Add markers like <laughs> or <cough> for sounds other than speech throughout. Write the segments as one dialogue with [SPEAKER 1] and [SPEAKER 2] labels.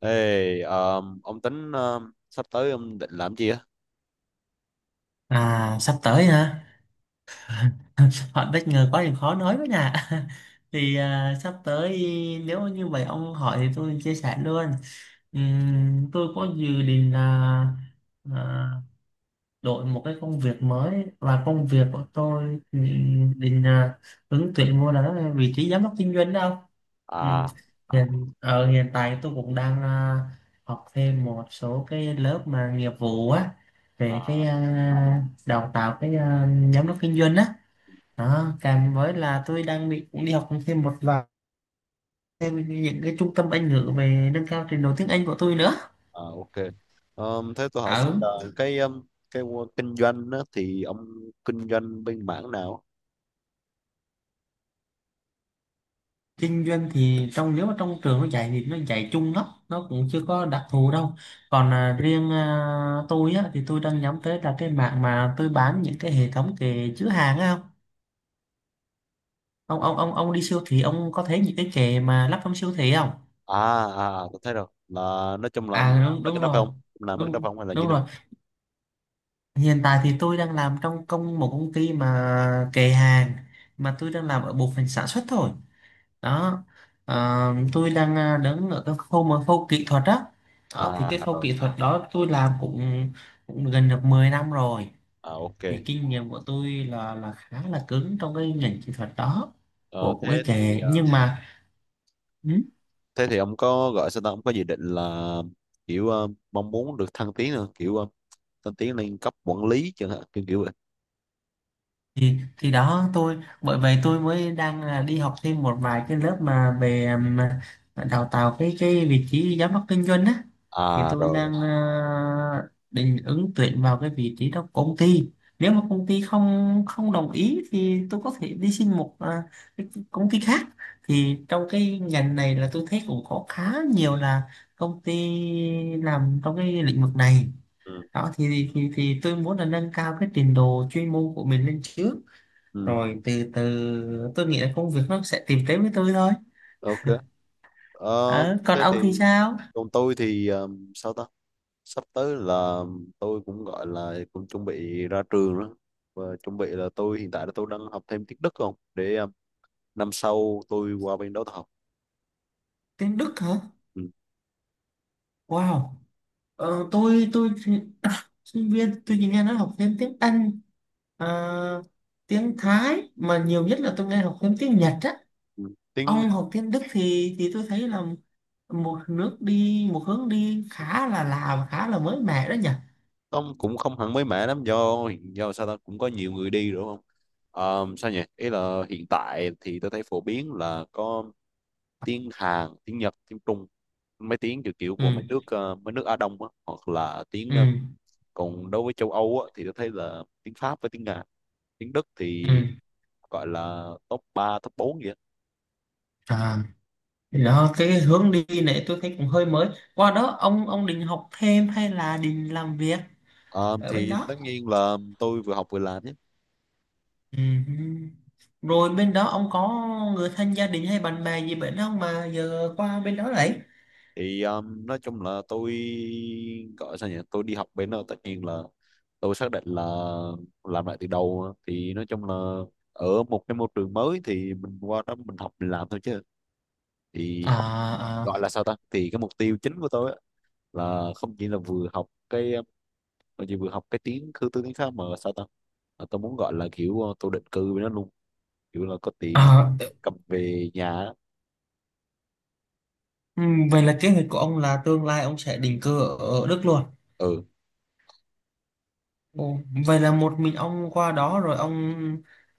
[SPEAKER 1] Ông tính sắp tới ông định làm gì á?
[SPEAKER 2] À, sắp tới hả? Họ bất ngờ quá thì khó nói với nè. <laughs> Thì sắp tới nếu như vậy ông hỏi thì tôi chia sẻ luôn. Tôi có dự định là à, đổi một cái công việc mới, và công việc của tôi định ứng tuyển vô là đó là vị trí giám đốc kinh doanh đâu. Ừm,
[SPEAKER 1] À,
[SPEAKER 2] Ở hiện tại tôi cũng đang học thêm một số cái lớp mà nghiệp vụ á, về cái
[SPEAKER 1] à,
[SPEAKER 2] đào tạo cái giám đốc kinh doanh á, đó, kèm với là tôi đang định cũng đi học thêm một vài thêm những cái trung tâm Anh ngữ về nâng cao trình độ tiếng Anh của tôi nữa.
[SPEAKER 1] à, ok. Thế tôi hỏi xin
[SPEAKER 2] Ở
[SPEAKER 1] là cái um, cái kinh doanh á, thì ông kinh doanh bên mảng nào?
[SPEAKER 2] kinh doanh thì trong, nếu mà trong trường nó dạy thì nó dạy chung lắm, nó cũng chưa có đặc thù đâu. Còn riêng tôi á, thì tôi đang nhắm tới là cái mạng mà tôi bán những cái hệ thống kệ chứa hàng á. Không, ông đi siêu thị ông có thấy những cái kệ mà lắp trong siêu thị không?
[SPEAKER 1] À, à, à, tôi thấy rồi. Là nói chung là ông làm
[SPEAKER 2] Đúng
[SPEAKER 1] mấy cái
[SPEAKER 2] đúng
[SPEAKER 1] đó phải
[SPEAKER 2] rồi,
[SPEAKER 1] không? Ông làm mấy cái đó
[SPEAKER 2] đúng
[SPEAKER 1] phải không hay là như
[SPEAKER 2] đúng
[SPEAKER 1] thế
[SPEAKER 2] rồi.
[SPEAKER 1] nào?
[SPEAKER 2] Hiện tại thì tôi đang làm trong một công ty mà kệ hàng, mà tôi đang làm ở bộ phận sản xuất thôi, đó. Tôi đang đứng ở cái khâu mà khâu kỹ thuật đó. Đó thì cái
[SPEAKER 1] À,
[SPEAKER 2] khâu
[SPEAKER 1] rồi.
[SPEAKER 2] kỹ thuật đó tôi làm cũng gần được 10 năm rồi.
[SPEAKER 1] À, ok.
[SPEAKER 2] Thì kinh nghiệm của tôi là khá là cứng trong cái ngành kỹ thuật đó,
[SPEAKER 1] Ờ,
[SPEAKER 2] của cái
[SPEAKER 1] thế thì
[SPEAKER 2] kệ, nhưng mà ừ,
[SPEAKER 1] thế thì ông có gọi sao ta? Ông có dự định là kiểu mong muốn được thăng tiến không, kiểu thăng tiến lên cấp quản lý chẳng hạn, kiểu kiểu vậy.
[SPEAKER 2] thì đó, tôi bởi vậy tôi mới đang là đi học thêm một vài cái lớp mà về đào tạo cái vị trí giám đốc kinh doanh á. Thì
[SPEAKER 1] À,
[SPEAKER 2] tôi
[SPEAKER 1] rồi rồi.
[SPEAKER 2] đang định ứng tuyển vào cái vị trí đó của công ty. Nếu mà công ty không không đồng ý thì tôi có thể đi xin một cái công ty khác. Thì trong cái ngành này là tôi thấy cũng có khá nhiều là công ty làm trong cái lĩnh vực này.
[SPEAKER 1] Ừ.
[SPEAKER 2] Đó thì thì tôi muốn là nâng cao cái trình độ chuyên môn của mình lên trước,
[SPEAKER 1] Ừ.
[SPEAKER 2] rồi từ từ tôi nghĩ là công việc nó sẽ tìm tới với tôi thôi.
[SPEAKER 1] Ok. Ờ,
[SPEAKER 2] Ờ, còn
[SPEAKER 1] thế
[SPEAKER 2] ông thì
[SPEAKER 1] thì
[SPEAKER 2] sao?
[SPEAKER 1] còn tôi thì sao ta, sắp tới là tôi cũng gọi là cũng chuẩn bị ra trường đó, và chuẩn bị là hiện tại tôi đang học thêm tiếng Đức không để năm sau tôi qua bên đó tôi học.
[SPEAKER 2] Tiếng Đức hả?
[SPEAKER 1] Ừ.
[SPEAKER 2] Wow. Tôi <coughs> sinh viên tôi chỉ nghe nói học thêm tiếng Anh, ờ, tiếng Thái, mà nhiều nhất là tôi nghe học thêm tiếng Nhật á.
[SPEAKER 1] Ừ. Tiếng
[SPEAKER 2] Ông học tiếng Đức thì tôi thấy là một nước đi, một hướng đi khá là lạ và khá là mới mẻ đó nhỉ.
[SPEAKER 1] ông cũng không hẳn mới mẻ lắm, do sao ta, cũng có nhiều người đi đúng không. Sao nhỉ, ý là hiện tại thì tôi thấy phổ biến là có tiếng Hàn, tiếng Nhật, tiếng Trung, mấy tiếng kiểu kiểu của mấy
[SPEAKER 2] Ừ.
[SPEAKER 1] nước mấy nước Á Đông á, hoặc là tiếng.
[SPEAKER 2] Ừ.
[SPEAKER 1] Còn đối với châu Âu á, thì tôi thấy là tiếng Pháp với tiếng Nga, tiếng Đức thì
[SPEAKER 2] Ừ.
[SPEAKER 1] gọi là top ba, top 4 vậy.
[SPEAKER 2] À. Thì đó, cái hướng đi này tôi thấy cũng hơi mới. Qua đó ông định học thêm hay là định làm việc
[SPEAKER 1] Ờ,
[SPEAKER 2] ở bên
[SPEAKER 1] thì
[SPEAKER 2] đó?
[SPEAKER 1] tất nhiên là tôi vừa học vừa làm nhé.
[SPEAKER 2] Ừm. Rồi bên đó ông có người thân, gia đình hay bạn bè gì bên đó không mà giờ qua bên đó đấy?
[SPEAKER 1] Thì nói chung là tôi gọi sao nhỉ, tôi đi học bên đó tất nhiên là tôi xác định là làm lại từ đầu, thì nói chung là ở một cái môi trường mới thì mình qua đó mình học mình làm thôi chứ. Thì học
[SPEAKER 2] À. À.
[SPEAKER 1] gọi là sao ta, thì cái mục tiêu chính của tôi á, là không chỉ là vừa học cái. Tôi chỉ vừa học cái tiếng cư tư tiếng Pháp mà sao ta, mà tôi muốn gọi là kiểu tôi định cư với nó luôn, kiểu là có tiền
[SPEAKER 2] À.
[SPEAKER 1] cầm về nhà á.
[SPEAKER 2] Vậy là kế hoạch của ông là tương lai ông sẽ định cư ở Đức luôn?
[SPEAKER 1] Ừ.
[SPEAKER 2] Ồ, vậy là một mình ông qua đó, rồi ông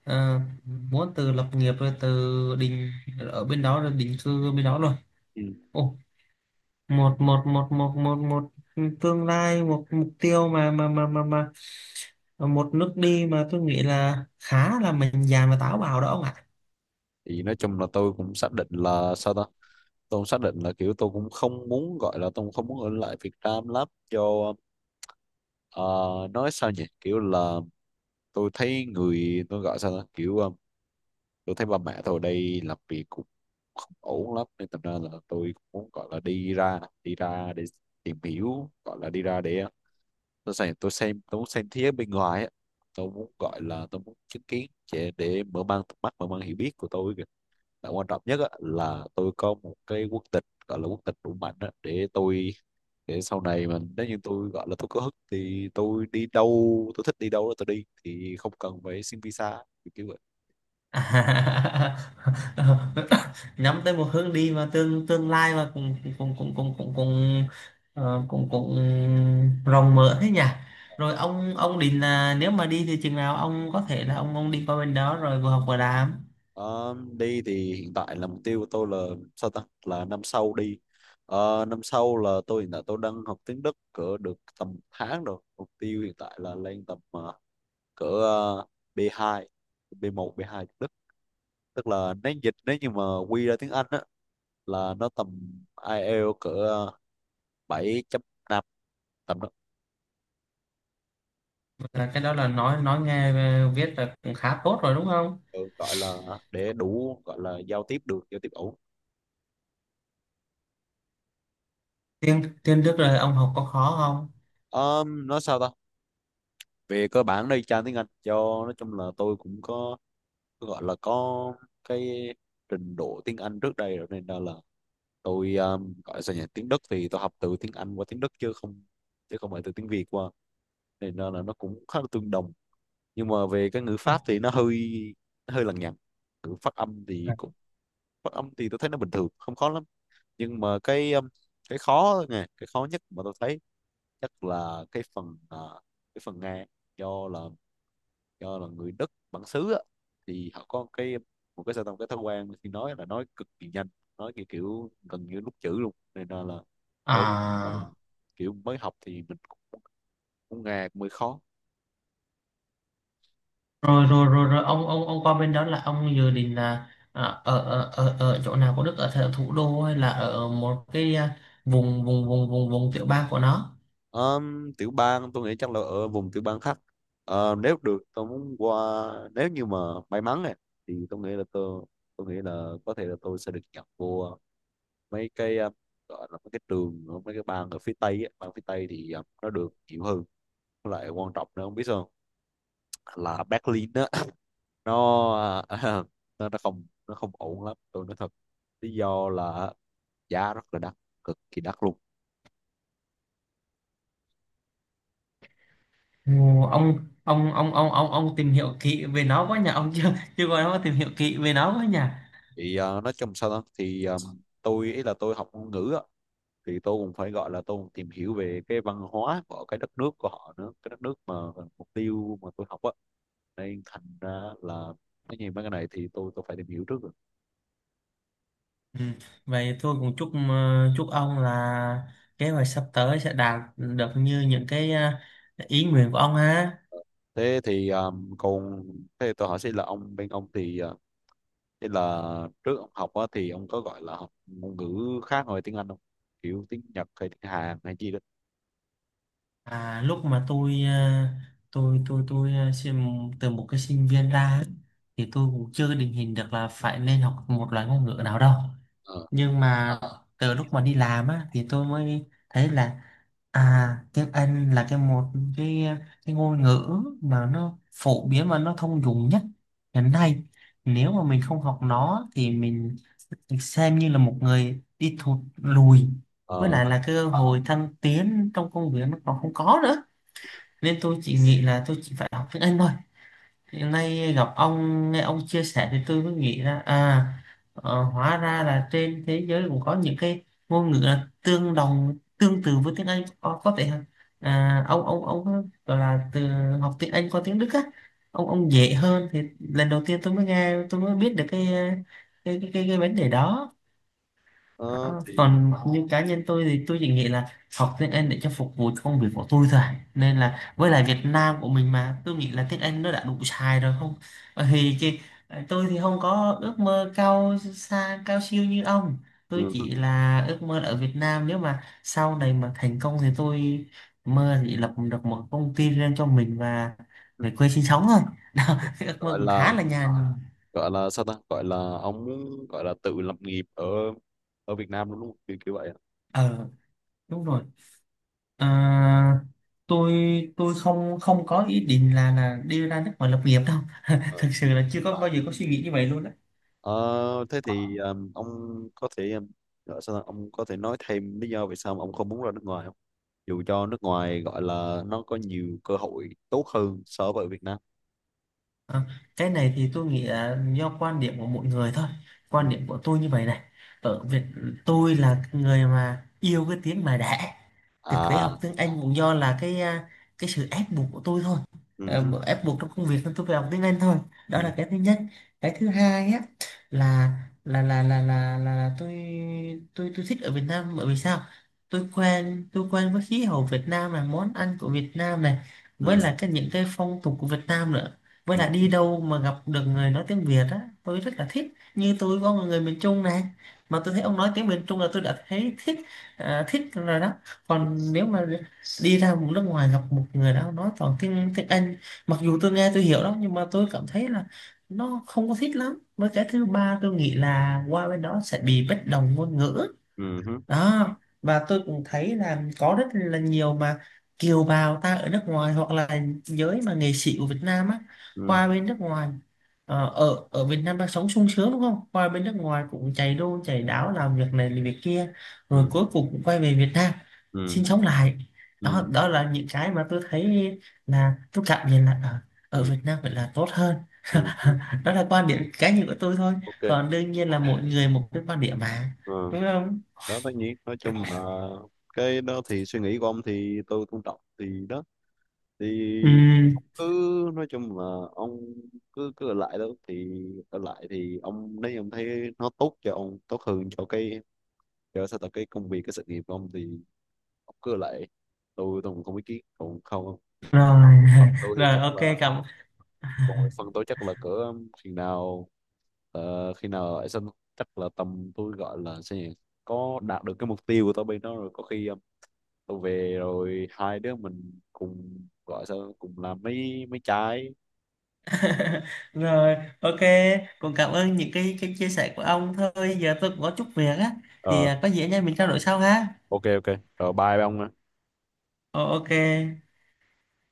[SPEAKER 2] muốn từ lập nghiệp rồi từ định ở bên đó rồi định cư bên đó luôn.
[SPEAKER 1] Ừ.
[SPEAKER 2] Ồ, một một một một một một tương lai, một mục tiêu mà một nước đi mà tôi nghĩ là khá là mình dạn và táo bạo đó ông ạ.
[SPEAKER 1] Thì nói chung là tôi cũng xác định là sao ta, tôi cũng xác định là kiểu tôi cũng không muốn gọi là tôi cũng không muốn ở lại Việt Nam lắm cho ờ, nói sao nhỉ, kiểu là tôi thấy người tôi gọi sao ta kiểu tôi thấy ba mẹ tôi ở đây làm việc cũng không ổn lắm, nên thành ra là tôi cũng muốn gọi là đi ra, đi ra để tìm hiểu, gọi là đi ra để tôi muốn xem thế giới bên ngoài á, tôi muốn gọi là tôi muốn chứng kiến để mở mang tầm mắt, mở mang hiểu biết của tôi kìa. Và quan trọng nhất á, là tôi có một cái quốc tịch gọi là quốc tịch đủ mạnh á, để tôi, để sau này mà nếu như tôi gọi là tôi có hức thì tôi thích đi đâu đó tôi đi thì không cần phải xin visa kiểu kiểu vậy.
[SPEAKER 2] <laughs> Nhắm tới một hướng đi mà tương tương lai mà cũng cũng cũng cũng cũng cũng cũng cũng rộng mở thế nhỉ. Rồi ông định là nếu mà đi thì chừng nào ông có thể là ông đi qua bên đó rồi vừa học vừa làm?
[SPEAKER 1] Ờ, đi thì hiện tại là mục tiêu của tôi là sao ta, là năm sau đi. Ờ, năm sau là tôi hiện tại tôi đang học tiếng Đức cỡ được tầm một tháng rồi, mục tiêu hiện tại là lên tầm cỡ B2, B1, B2 tiếng Đức, tức là nếu dịch nếu như mà quy ra tiếng Anh á là nó tầm IELTS cỡ 7.5, tầm đó.
[SPEAKER 2] Là cái đó là nói nghe viết là cũng khá tốt rồi đúng không?
[SPEAKER 1] Ừ, gọi là để đủ gọi là giao tiếp được, giao tiếp ổn.
[SPEAKER 2] Tiếng tiếng Đức là ông học có khó không?
[SPEAKER 1] Ờ, nói sao ta, về cơ bản đây trang tiếng Anh cho, nói chung là tôi cũng có gọi là có cái trình độ tiếng Anh trước đây rồi, nên là tôi gọi là sao nhỉ, tiếng Đức thì tôi học từ tiếng Anh qua tiếng Đức chứ không, chứ không phải từ tiếng Việt qua, nên là nó cũng khá là tương đồng. Nhưng mà về cái ngữ pháp thì nó hơi, nó hơi lằng nhằng, ngữ phát âm thì cũng, phát âm thì tôi thấy nó bình thường không khó lắm. Nhưng mà cái khó nè, cái khó nhất mà tôi thấy chắc là cái phần cái phần Nga, do là do là người Đức bản xứ á, thì họ có cái, một cái sao ta, một cái thói quen khi nói là nói cực kỳ nhanh, nói kiểu, kiểu gần như nút chữ luôn, nên là đôi lúc là
[SPEAKER 2] à
[SPEAKER 1] kiểu mới học thì mình cũng, cũng ngà mới khó.
[SPEAKER 2] rồi rồi rồi rồi ông qua bên đó là ông dự định là ở, ở chỗ nào của Đức, ở thủ đô hay là ở một cái vùng vùng vùng vùng vùng tiểu bang của nó?
[SPEAKER 1] Tiểu bang tôi nghĩ chắc là ở vùng tiểu bang khác. Ờ, nếu được tôi muốn qua, nếu như mà may mắn này thì tôi nghĩ là có thể là tôi sẽ được nhập vô mấy cái gọi là mấy cái trường ở mấy cái bang ở phía Tây á. Bang phía Tây thì ờ, nó được nhiều hơn. Lại quan trọng nữa không biết sao không? Là Berlin á, nó <laughs> nó không ổn lắm tôi nói thật. Lý do là giá rất là đắt, cực kỳ đắt luôn.
[SPEAKER 2] Ồ, ông ông tìm hiểu kỹ về nó quá nhỉ, ông chưa chưa có nó tìm hiểu kỹ về nó quá nhỉ.
[SPEAKER 1] Thì ờ, nói chung sao đó thì tôi ý là tôi học ngôn ngữ á thì tôi cũng phải gọi là tôi cũng tìm hiểu về cái văn hóa của cái đất nước của họ nữa, cái đất nước mà mục tiêu mà tôi học á, nên thành ra là nói gì mấy cái này thì tôi phải tìm hiểu trước rồi.
[SPEAKER 2] Ừ. Vậy tôi cũng chúc chúc ông là kế hoạch sắp tới sẽ đạt được như những cái ý nguyện của ông ha.
[SPEAKER 1] Thế thì ờ, còn thế tôi hỏi xin là ông bên ông thì ờ, thế là trước ông học á, thì ông có gọi là học ngôn ngữ khác ngoài tiếng Anh không? Kiểu tiếng Nhật hay tiếng Hàn hay gì đó.
[SPEAKER 2] À, lúc mà tôi tôi từ một cái sinh viên ra ấy, thì tôi cũng chưa định hình được là phải nên học một loại ngôn ngữ nào đâu.
[SPEAKER 1] Ờ,
[SPEAKER 2] Nhưng mà từ lúc mà đi làm á thì tôi mới thấy là tiếng Anh là cái cái ngôn ngữ mà nó phổ biến và nó thông dụng nhất hiện nay. Nếu mà mình không học nó thì mình xem như là một người đi thụt lùi, với
[SPEAKER 1] ờ,
[SPEAKER 2] lại là cơ hội thăng tiến trong công việc nó còn không có nữa, nên tôi chỉ nghĩ là tôi chỉ phải học tiếng Anh thôi. Hiện nay gặp ông nghe ông chia sẻ thì tôi mới nghĩ ra hóa ra là trên thế giới cũng có những cái ngôn ngữ là tương đồng, tương tự với tiếng Anh, có thể ông gọi là từ học tiếng Anh qua tiếng Đức á, ông dễ hơn. Thì lần đầu tiên tôi mới nghe, tôi mới biết được cái vấn đề đó.
[SPEAKER 1] ờ,
[SPEAKER 2] Đó,
[SPEAKER 1] thì
[SPEAKER 2] còn như cá nhân tôi thì tôi chỉ nghĩ là học tiếng Anh để cho phục vụ cho công việc của tôi thôi, nên là với lại Việt Nam của mình mà tôi nghĩ là tiếng Anh nó đã đủ xài rồi không. Bởi vì cái tôi thì không có ước mơ cao xa, cao siêu như ông, tôi
[SPEAKER 1] ừ,
[SPEAKER 2] chỉ là ước mơ là ở Việt Nam nếu mà sau này mà thành công thì tôi mơ thì lập được một công ty riêng cho mình và về quê sinh sống thôi. <laughs> Đó, cái ước mơ
[SPEAKER 1] gọi
[SPEAKER 2] cũng
[SPEAKER 1] là
[SPEAKER 2] khá là nhàn.
[SPEAKER 1] gọi là sao ta? Gọi là ông muốn gọi là tự lập nghiệp ở ở Việt Nam đúng không? Kiểu kiểu vậy.
[SPEAKER 2] Ờ, đúng rồi. À, tôi tôi không không có ý định là đi ra nước ngoài lập nghiệp đâu. <laughs>
[SPEAKER 1] Ờ,
[SPEAKER 2] Thật sự là chưa có bao giờ có suy nghĩ như vậy luôn đó.
[SPEAKER 1] ờ, thế thì ông có thể gọi sao ta? Ông có thể nói thêm lý do vì sao mà ông không muốn ra nước ngoài không? Dù cho nước ngoài gọi là nó có nhiều cơ hội tốt hơn so với ở Việt Nam.
[SPEAKER 2] Ờ, cái này thì tôi nghĩ là do quan điểm của mỗi người thôi,
[SPEAKER 1] Ừ.
[SPEAKER 2] quan điểm của tôi như vậy này. Ở Việt Tôi là người mà yêu cái tiếng mà đẻ, thực tế
[SPEAKER 1] À,
[SPEAKER 2] học tiếng Anh cũng do là cái cái sự ép buộc của tôi thôi. Ờ,
[SPEAKER 1] ừ.
[SPEAKER 2] ép buộc trong công việc nên tôi phải học tiếng Anh thôi, đó
[SPEAKER 1] Ừ.
[SPEAKER 2] là cái thứ nhất. Cái thứ hai á là là tôi thích ở Việt Nam, bởi vì sao? Tôi quen với khí hậu Việt Nam này, món ăn của Việt Nam này, với
[SPEAKER 1] Ừ.
[SPEAKER 2] là cái những cái phong tục của Việt Nam nữa. Với
[SPEAKER 1] Ừ.
[SPEAKER 2] lại đi đâu mà gặp được người nói tiếng Việt á tôi rất là thích. Như tôi có một người miền Trung này, mà tôi thấy ông nói tiếng miền Trung là tôi đã thấy thích thích rồi đó. Còn nếu mà đi ra một nước ngoài gặp một người đó nói toàn tiếng tiếng Anh, mặc dù tôi nghe tôi hiểu đó nhưng mà tôi cảm thấy là nó không có thích lắm. Với cái thứ ba tôi nghĩ là qua bên đó sẽ bị bất đồng ngôn ngữ,
[SPEAKER 1] Ừ hứ.
[SPEAKER 2] đó. Và tôi cũng thấy là có rất là nhiều mà kiều bào ta ở nước ngoài hoặc là giới mà nghệ sĩ của Việt Nam á
[SPEAKER 1] Ừ.
[SPEAKER 2] qua bên nước ngoài, ờ, ở ở Việt Nam đang sống sung sướng đúng không, qua bên nước ngoài cũng chạy đu chạy đáo làm việc này làm việc kia,
[SPEAKER 1] Ừ.
[SPEAKER 2] rồi cuối cùng cũng quay về Việt Nam
[SPEAKER 1] Ừ.
[SPEAKER 2] sinh sống lại.
[SPEAKER 1] Ừ.
[SPEAKER 2] Đó, đó là những cái mà tôi thấy là tôi cảm nhận là ở
[SPEAKER 1] Ừ.
[SPEAKER 2] Việt Nam phải là tốt hơn. <laughs>
[SPEAKER 1] Ừ hứ.
[SPEAKER 2] Đó là quan điểm cá nhân của tôi thôi,
[SPEAKER 1] Ok.
[SPEAKER 2] còn đương nhiên là mỗi người một cái quan điểm mà,
[SPEAKER 1] Ờ,
[SPEAKER 2] đúng không?
[SPEAKER 1] đó tất nhiên nói chung là cái đó thì suy nghĩ của ông thì tôi tôn trọng thì đó, thì
[SPEAKER 2] Ừ,
[SPEAKER 1] cứ nói chung là ông cứ cứ ở lại đó thì, ở lại thì ông nếu như ông thấy nó tốt cho ông, tốt hơn cho cái, cho sao tập cái công việc, cái sự nghiệp của ông thì ông cứ ở lại, tôi cũng không ý kiến còn không.
[SPEAKER 2] rồi.
[SPEAKER 1] Còn
[SPEAKER 2] <laughs>
[SPEAKER 1] tôi thì
[SPEAKER 2] Rồi,
[SPEAKER 1] chắc
[SPEAKER 2] ok,
[SPEAKER 1] là
[SPEAKER 2] cảm... <laughs>
[SPEAKER 1] rồi, phần tôi chắc là cỡ khi nào ờ, khi nào ấy xong, chắc là tầm tôi gọi là sao nhỉ, có đạt được cái mục tiêu của tôi bên đó rồi có khi ờ, tôi về rồi hai đứa mình cùng gọi sao cùng làm mấy mấy trái.
[SPEAKER 2] Rồi, ok, cũng cảm ơn những cái chia sẻ của ông thôi, giờ tôi cũng có chút việc á, thì
[SPEAKER 1] Ờ,
[SPEAKER 2] có gì anh em mình trao đổi sau ha.
[SPEAKER 1] ok, ok. Rồi, bye ông ạ.
[SPEAKER 2] Ờ, ok.